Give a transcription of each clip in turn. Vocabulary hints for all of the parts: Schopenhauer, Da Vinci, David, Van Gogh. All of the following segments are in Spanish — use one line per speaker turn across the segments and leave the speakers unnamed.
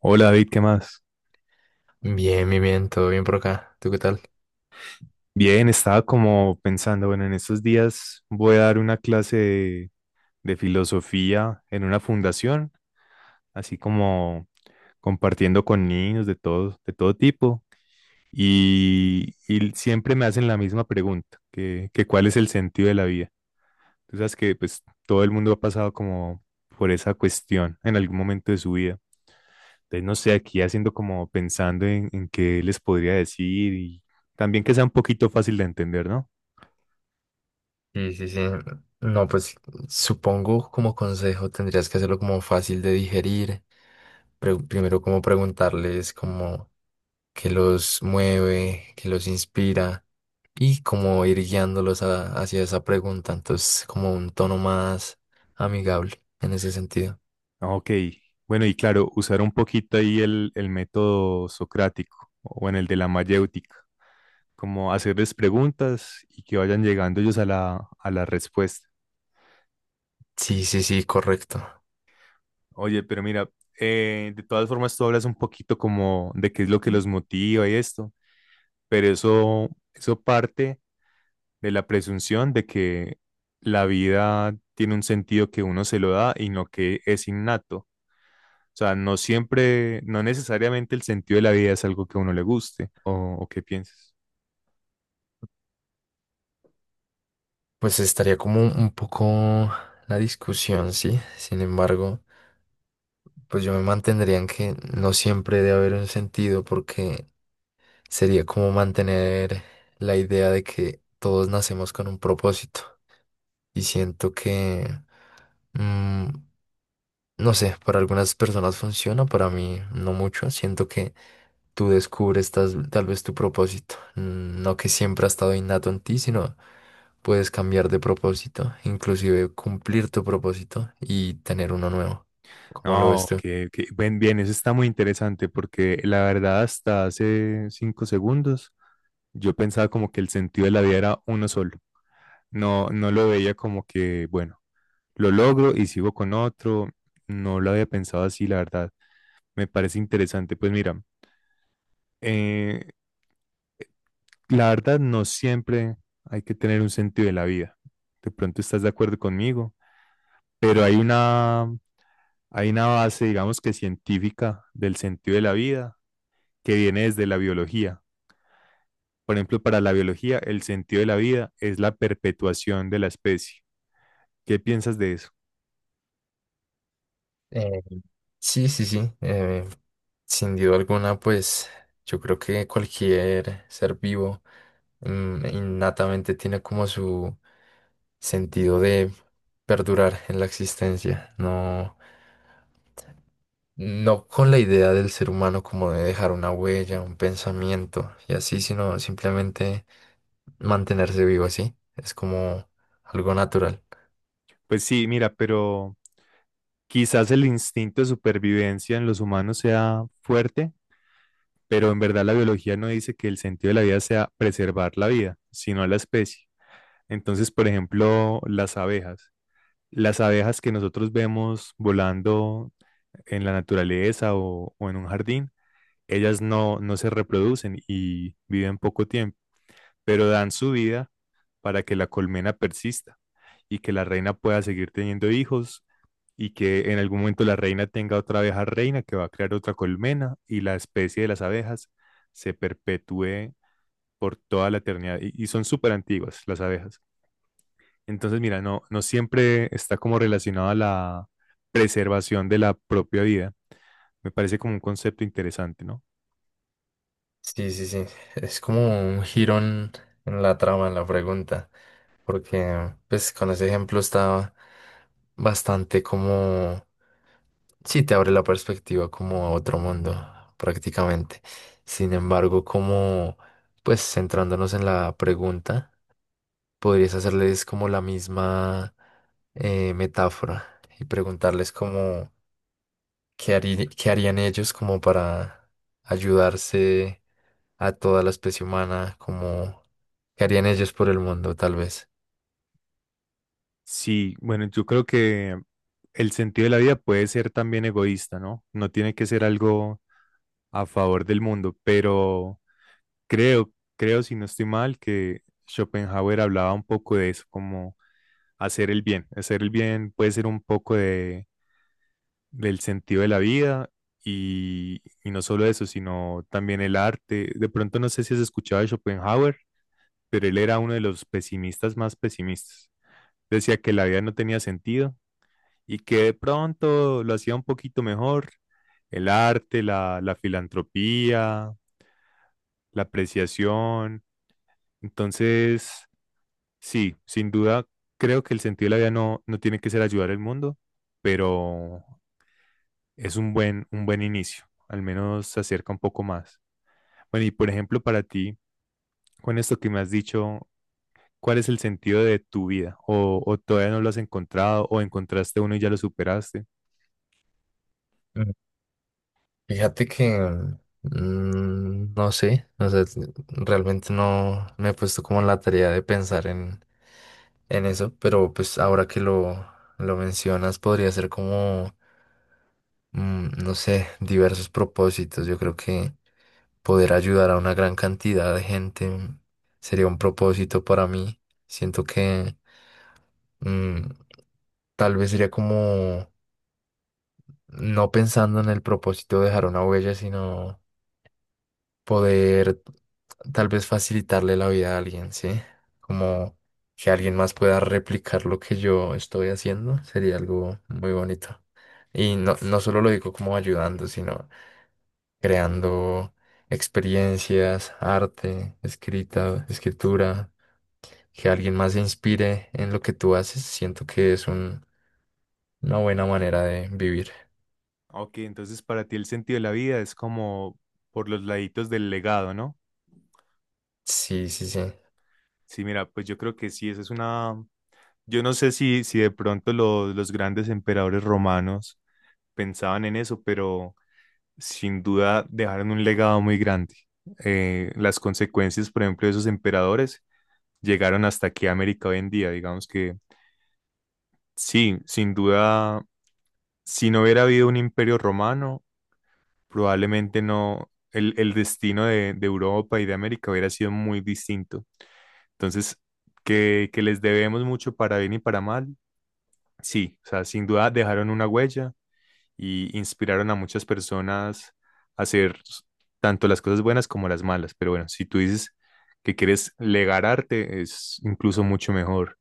Hola David, ¿qué más?
Bien, bien, bien, todo bien por acá. ¿Tú qué tal?
Bien, estaba como pensando, bueno, en estos días voy a dar una clase de filosofía en una fundación, así como compartiendo con niños de todo tipo, y siempre me hacen la misma pregunta, que cuál es el sentido de la vida. Tú sabes que pues todo el mundo ha pasado como por esa cuestión en algún momento de su vida. Entonces, no sé, aquí haciendo como pensando en qué les podría decir y también que sea un poquito fácil de entender, ¿no?
Sí, sí, sí. No, pues supongo como consejo tendrías que hacerlo como fácil de digerir. Primero como preguntarles como qué los mueve, qué los inspira y como ir guiándolos hacia esa pregunta. Entonces como un tono más amigable en ese sentido.
Ah, Ok, bueno, y claro, usar un poquito ahí el método socrático o en el de la mayéutica, como hacerles preguntas y que vayan llegando ellos a la respuesta.
Sí, sí, sí, correcto.
Oye, pero mira, de todas formas tú hablas un poquito como de qué es lo que los motiva y esto, pero eso parte de la presunción de que la vida tiene un sentido que uno se lo da y no que es innato. O sea, no siempre, no necesariamente el sentido de la vida es algo que a uno le guste o qué piensas.
Pues estaría como un poco la discusión, sí. Sin embargo, pues yo me mantendría en que no siempre debe haber un sentido porque sería como mantener la idea de que todos nacemos con un propósito y siento que, mm, no sé, para algunas personas funciona, para mí no mucho, siento que tú descubres tal vez tu propósito, no que siempre ha estado innato en ti, sino puedes cambiar de propósito, inclusive cumplir tu propósito y tener uno nuevo. ¿Cómo lo ves
No,
tú?
que bien, bien, eso está muy interesante porque la verdad hasta hace 5 segundos yo pensaba como que el sentido de la vida era uno solo. No, no lo veía como que, bueno, lo logro y sigo con otro. No lo había pensado así, la verdad. Me parece interesante. Pues mira, eh, la verdad no siempre hay que tener un sentido de la vida. De pronto estás de acuerdo conmigo pero hay una base, digamos que científica del sentido de la vida que viene desde la biología. Por ejemplo, para la biología, el sentido de la vida es la perpetuación de la especie. ¿Qué piensas de eso?
Eh, sí, sí, sí. Sin duda alguna, pues yo creo que cualquier ser vivo innatamente tiene como su sentido de perdurar en la existencia. No, no con la idea del ser humano como de dejar una huella, un pensamiento y así, sino simplemente mantenerse vivo así. Es como algo natural.
Pues sí, mira, pero quizás el instinto de supervivencia en los humanos sea fuerte, pero en verdad la biología no dice que el sentido de la vida sea preservar la vida, sino la especie. Entonces, por ejemplo, las abejas. Las abejas que nosotros vemos volando en la naturaleza o en un jardín, ellas no, no se reproducen y viven poco tiempo, pero dan su vida para que la colmena persista y que la reina pueda seguir teniendo hijos y que en algún momento la reina tenga otra abeja reina que va a crear otra colmena y la especie de las abejas se perpetúe por toda la eternidad. Y son súper antiguas las abejas. Entonces, mira, no, no siempre está como relacionada la preservación de la propia vida me parece como un concepto interesante, ¿no?
Sí, sí, sí. Es como un girón en la trama, en la pregunta. Porque, pues, con ese ejemplo está bastante como... Sí, te abre la perspectiva como a otro mundo, prácticamente. Sin embargo, como, pues, centrándonos en la pregunta, podrías hacerles como la misma metáfora y preguntarles como qué harían ellos como para ayudarse a toda la especie humana, como qué harían ellos por el mundo, tal vez.
Sí, bueno, yo creo que el sentido de la vida puede ser también egoísta, ¿no? No tiene que ser algo a favor del mundo, pero creo, creo, si no estoy mal, que Schopenhauer hablaba un poco de eso, como hacer el bien. Hacer el bien puede ser un poco de, del sentido de la vida y no solo eso, sino también el arte. De pronto no sé si has escuchado de Schopenhauer, pero él era uno de los pesimistas más pesimistas. Decía que la vida no tenía sentido y que de pronto lo hacía un poquito mejor. El arte, la filantropía, la apreciación. Entonces, sí, sin duda, creo que el sentido de la vida no, no tiene que ser ayudar al mundo, pero es un buen inicio. Al menos se acerca un poco más. Bueno, y por ejemplo, para ti, con esto que me has dicho, cuál es el sentido de tu vida o todavía no lo has encontrado o encontraste uno y ya lo superaste.
Mm. Fíjate que no sé, o sea, realmente no me he puesto como la tarea de pensar en eso, pero pues ahora que lo mencionas, podría ser como, no sé, diversos propósitos. Yo creo que poder ayudar a una gran cantidad de gente sería un propósito para mí. Siento que... mm, tal vez sería como no pensando en el propósito de dejar una huella, sino poder tal vez facilitarle la vida a alguien, ¿sí? Como que alguien más pueda replicar lo que yo estoy haciendo, sería algo muy bonito. Y no, no solo lo digo como ayudando, sino creando experiencias, arte, escrita, escritura, que alguien más se inspire en lo que tú haces, siento que una buena manera de vivir.
Ok, entonces para ti el sentido de la vida es como por los laditos del legado, ¿no?
Sí, sí, sí.
Sí, mira, pues yo creo que sí, esa es una... Yo no sé si de pronto los grandes emperadores romanos pensaban en eso, pero sin duda dejaron un legado muy grande. Las consecuencias, por ejemplo, de esos emperadores llegaron hasta aquí a América hoy en día. Digamos que sí, sin duda si no hubiera habido un imperio romano, probablemente no, el destino de Europa y de América hubiera sido muy distinto. Entonces, que les debemos mucho para bien y para mal, sí, o sea, sin duda dejaron una huella y inspiraron a muchas personas a hacer tanto las cosas buenas como las malas. Pero bueno, si tú dices que quieres legar arte, es incluso mucho mejor.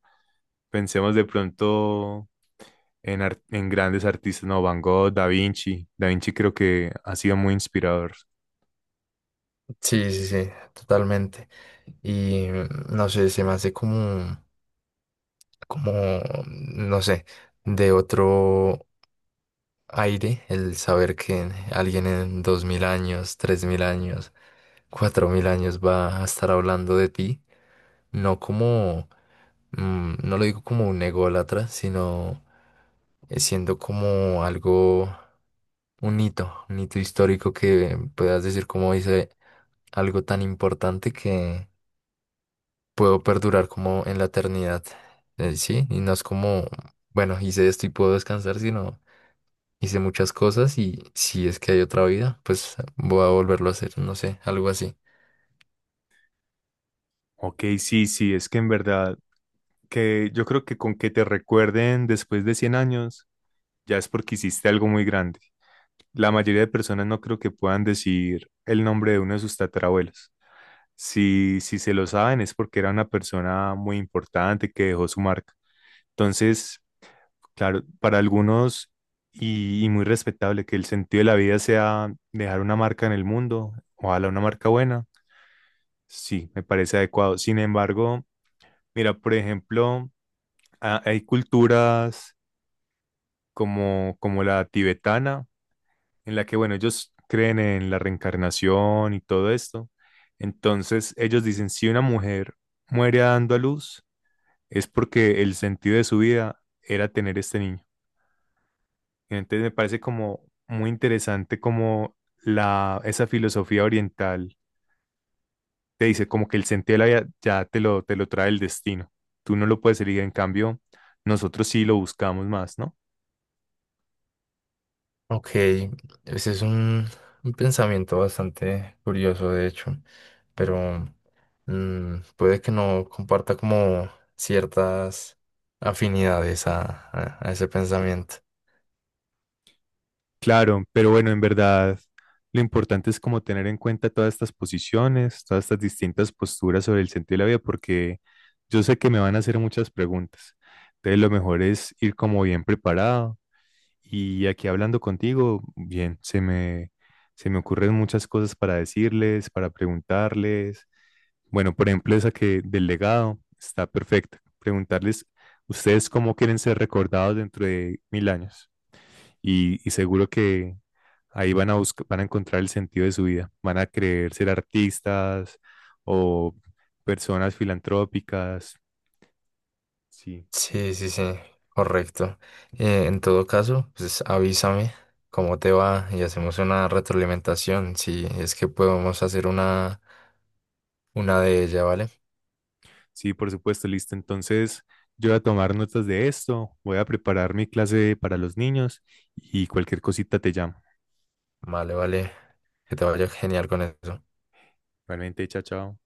Pensemos de pronto en, en grandes artistas, no, Van Gogh, Da Vinci. Da Vinci creo que ha sido muy inspirador.
Sí, sí, sí, totalmente. Y no sé, se me hace como, como, no sé, de otro aire el saber que alguien en 2.000 años, 3.000 años, 4.000 años va a estar hablando de ti. No como, no lo digo como un ególatra, sino siendo como algo, un hito histórico que puedas decir como dice algo tan importante que puedo perdurar como en la eternidad, ¿sí? Y no es como, bueno, hice esto y puedo descansar, sino hice muchas cosas y si es que hay otra vida, pues voy a volverlo a hacer, no sé, algo así.
Ok, sí, sí, es que en verdad, que yo creo que con que te recuerden después de 100 años, ya es porque hiciste algo muy grande. La mayoría de personas no creo que puedan decir el nombre de uno de sus tatarabuelos. Si, si se lo saben es porque era una persona muy importante que dejó su marca. Entonces, claro, para algunos muy respetable que el sentido de la vida sea dejar una marca en el mundo, ojalá una marca buena, sí, me parece adecuado. Sin embargo, mira, por ejemplo, hay culturas como, como la tibetana, en la que, bueno, ellos creen en la reencarnación y todo esto. Entonces, ellos dicen, si una mujer muere dando a luz, es porque el sentido de su vida era tener este niño. Entonces me parece como muy interesante como la, esa filosofía oriental te dice como que el sentido de la vida ya te lo trae el destino. Tú no lo puedes elegir, en cambio, nosotros sí lo buscamos más, ¿no?
Ok, ese es un pensamiento bastante curioso, de hecho, pero puede que no comparta como ciertas afinidades a, a ese pensamiento.
Claro, pero bueno, en verdad, lo importante es como tener en cuenta todas estas posiciones, todas estas distintas posturas sobre el sentido de la vida, porque yo sé que me van a hacer muchas preguntas. Entonces lo mejor es ir como bien preparado. Y aquí hablando contigo, bien, se me ocurren muchas cosas para decirles, para preguntarles. Bueno, por ejemplo, esa que del legado está perfecta. Preguntarles, ¿ustedes cómo quieren ser recordados dentro de 1000 años? Y seguro que ahí van a buscar, van a encontrar el sentido de su vida. Van a querer ser artistas o personas filantrópicas. Sí.
Sí, sí, sí, correcto. En todo caso, pues avísame cómo te va y hacemos una retroalimentación, si es que podemos hacer una de ella, ¿vale?
Sí, por supuesto, listo. Entonces, yo voy a tomar notas de esto, voy a preparar mi clase para los niños y cualquier cosita te llamo.
Vale, vale, que te vaya genial con eso.
Realmente, chao, chao.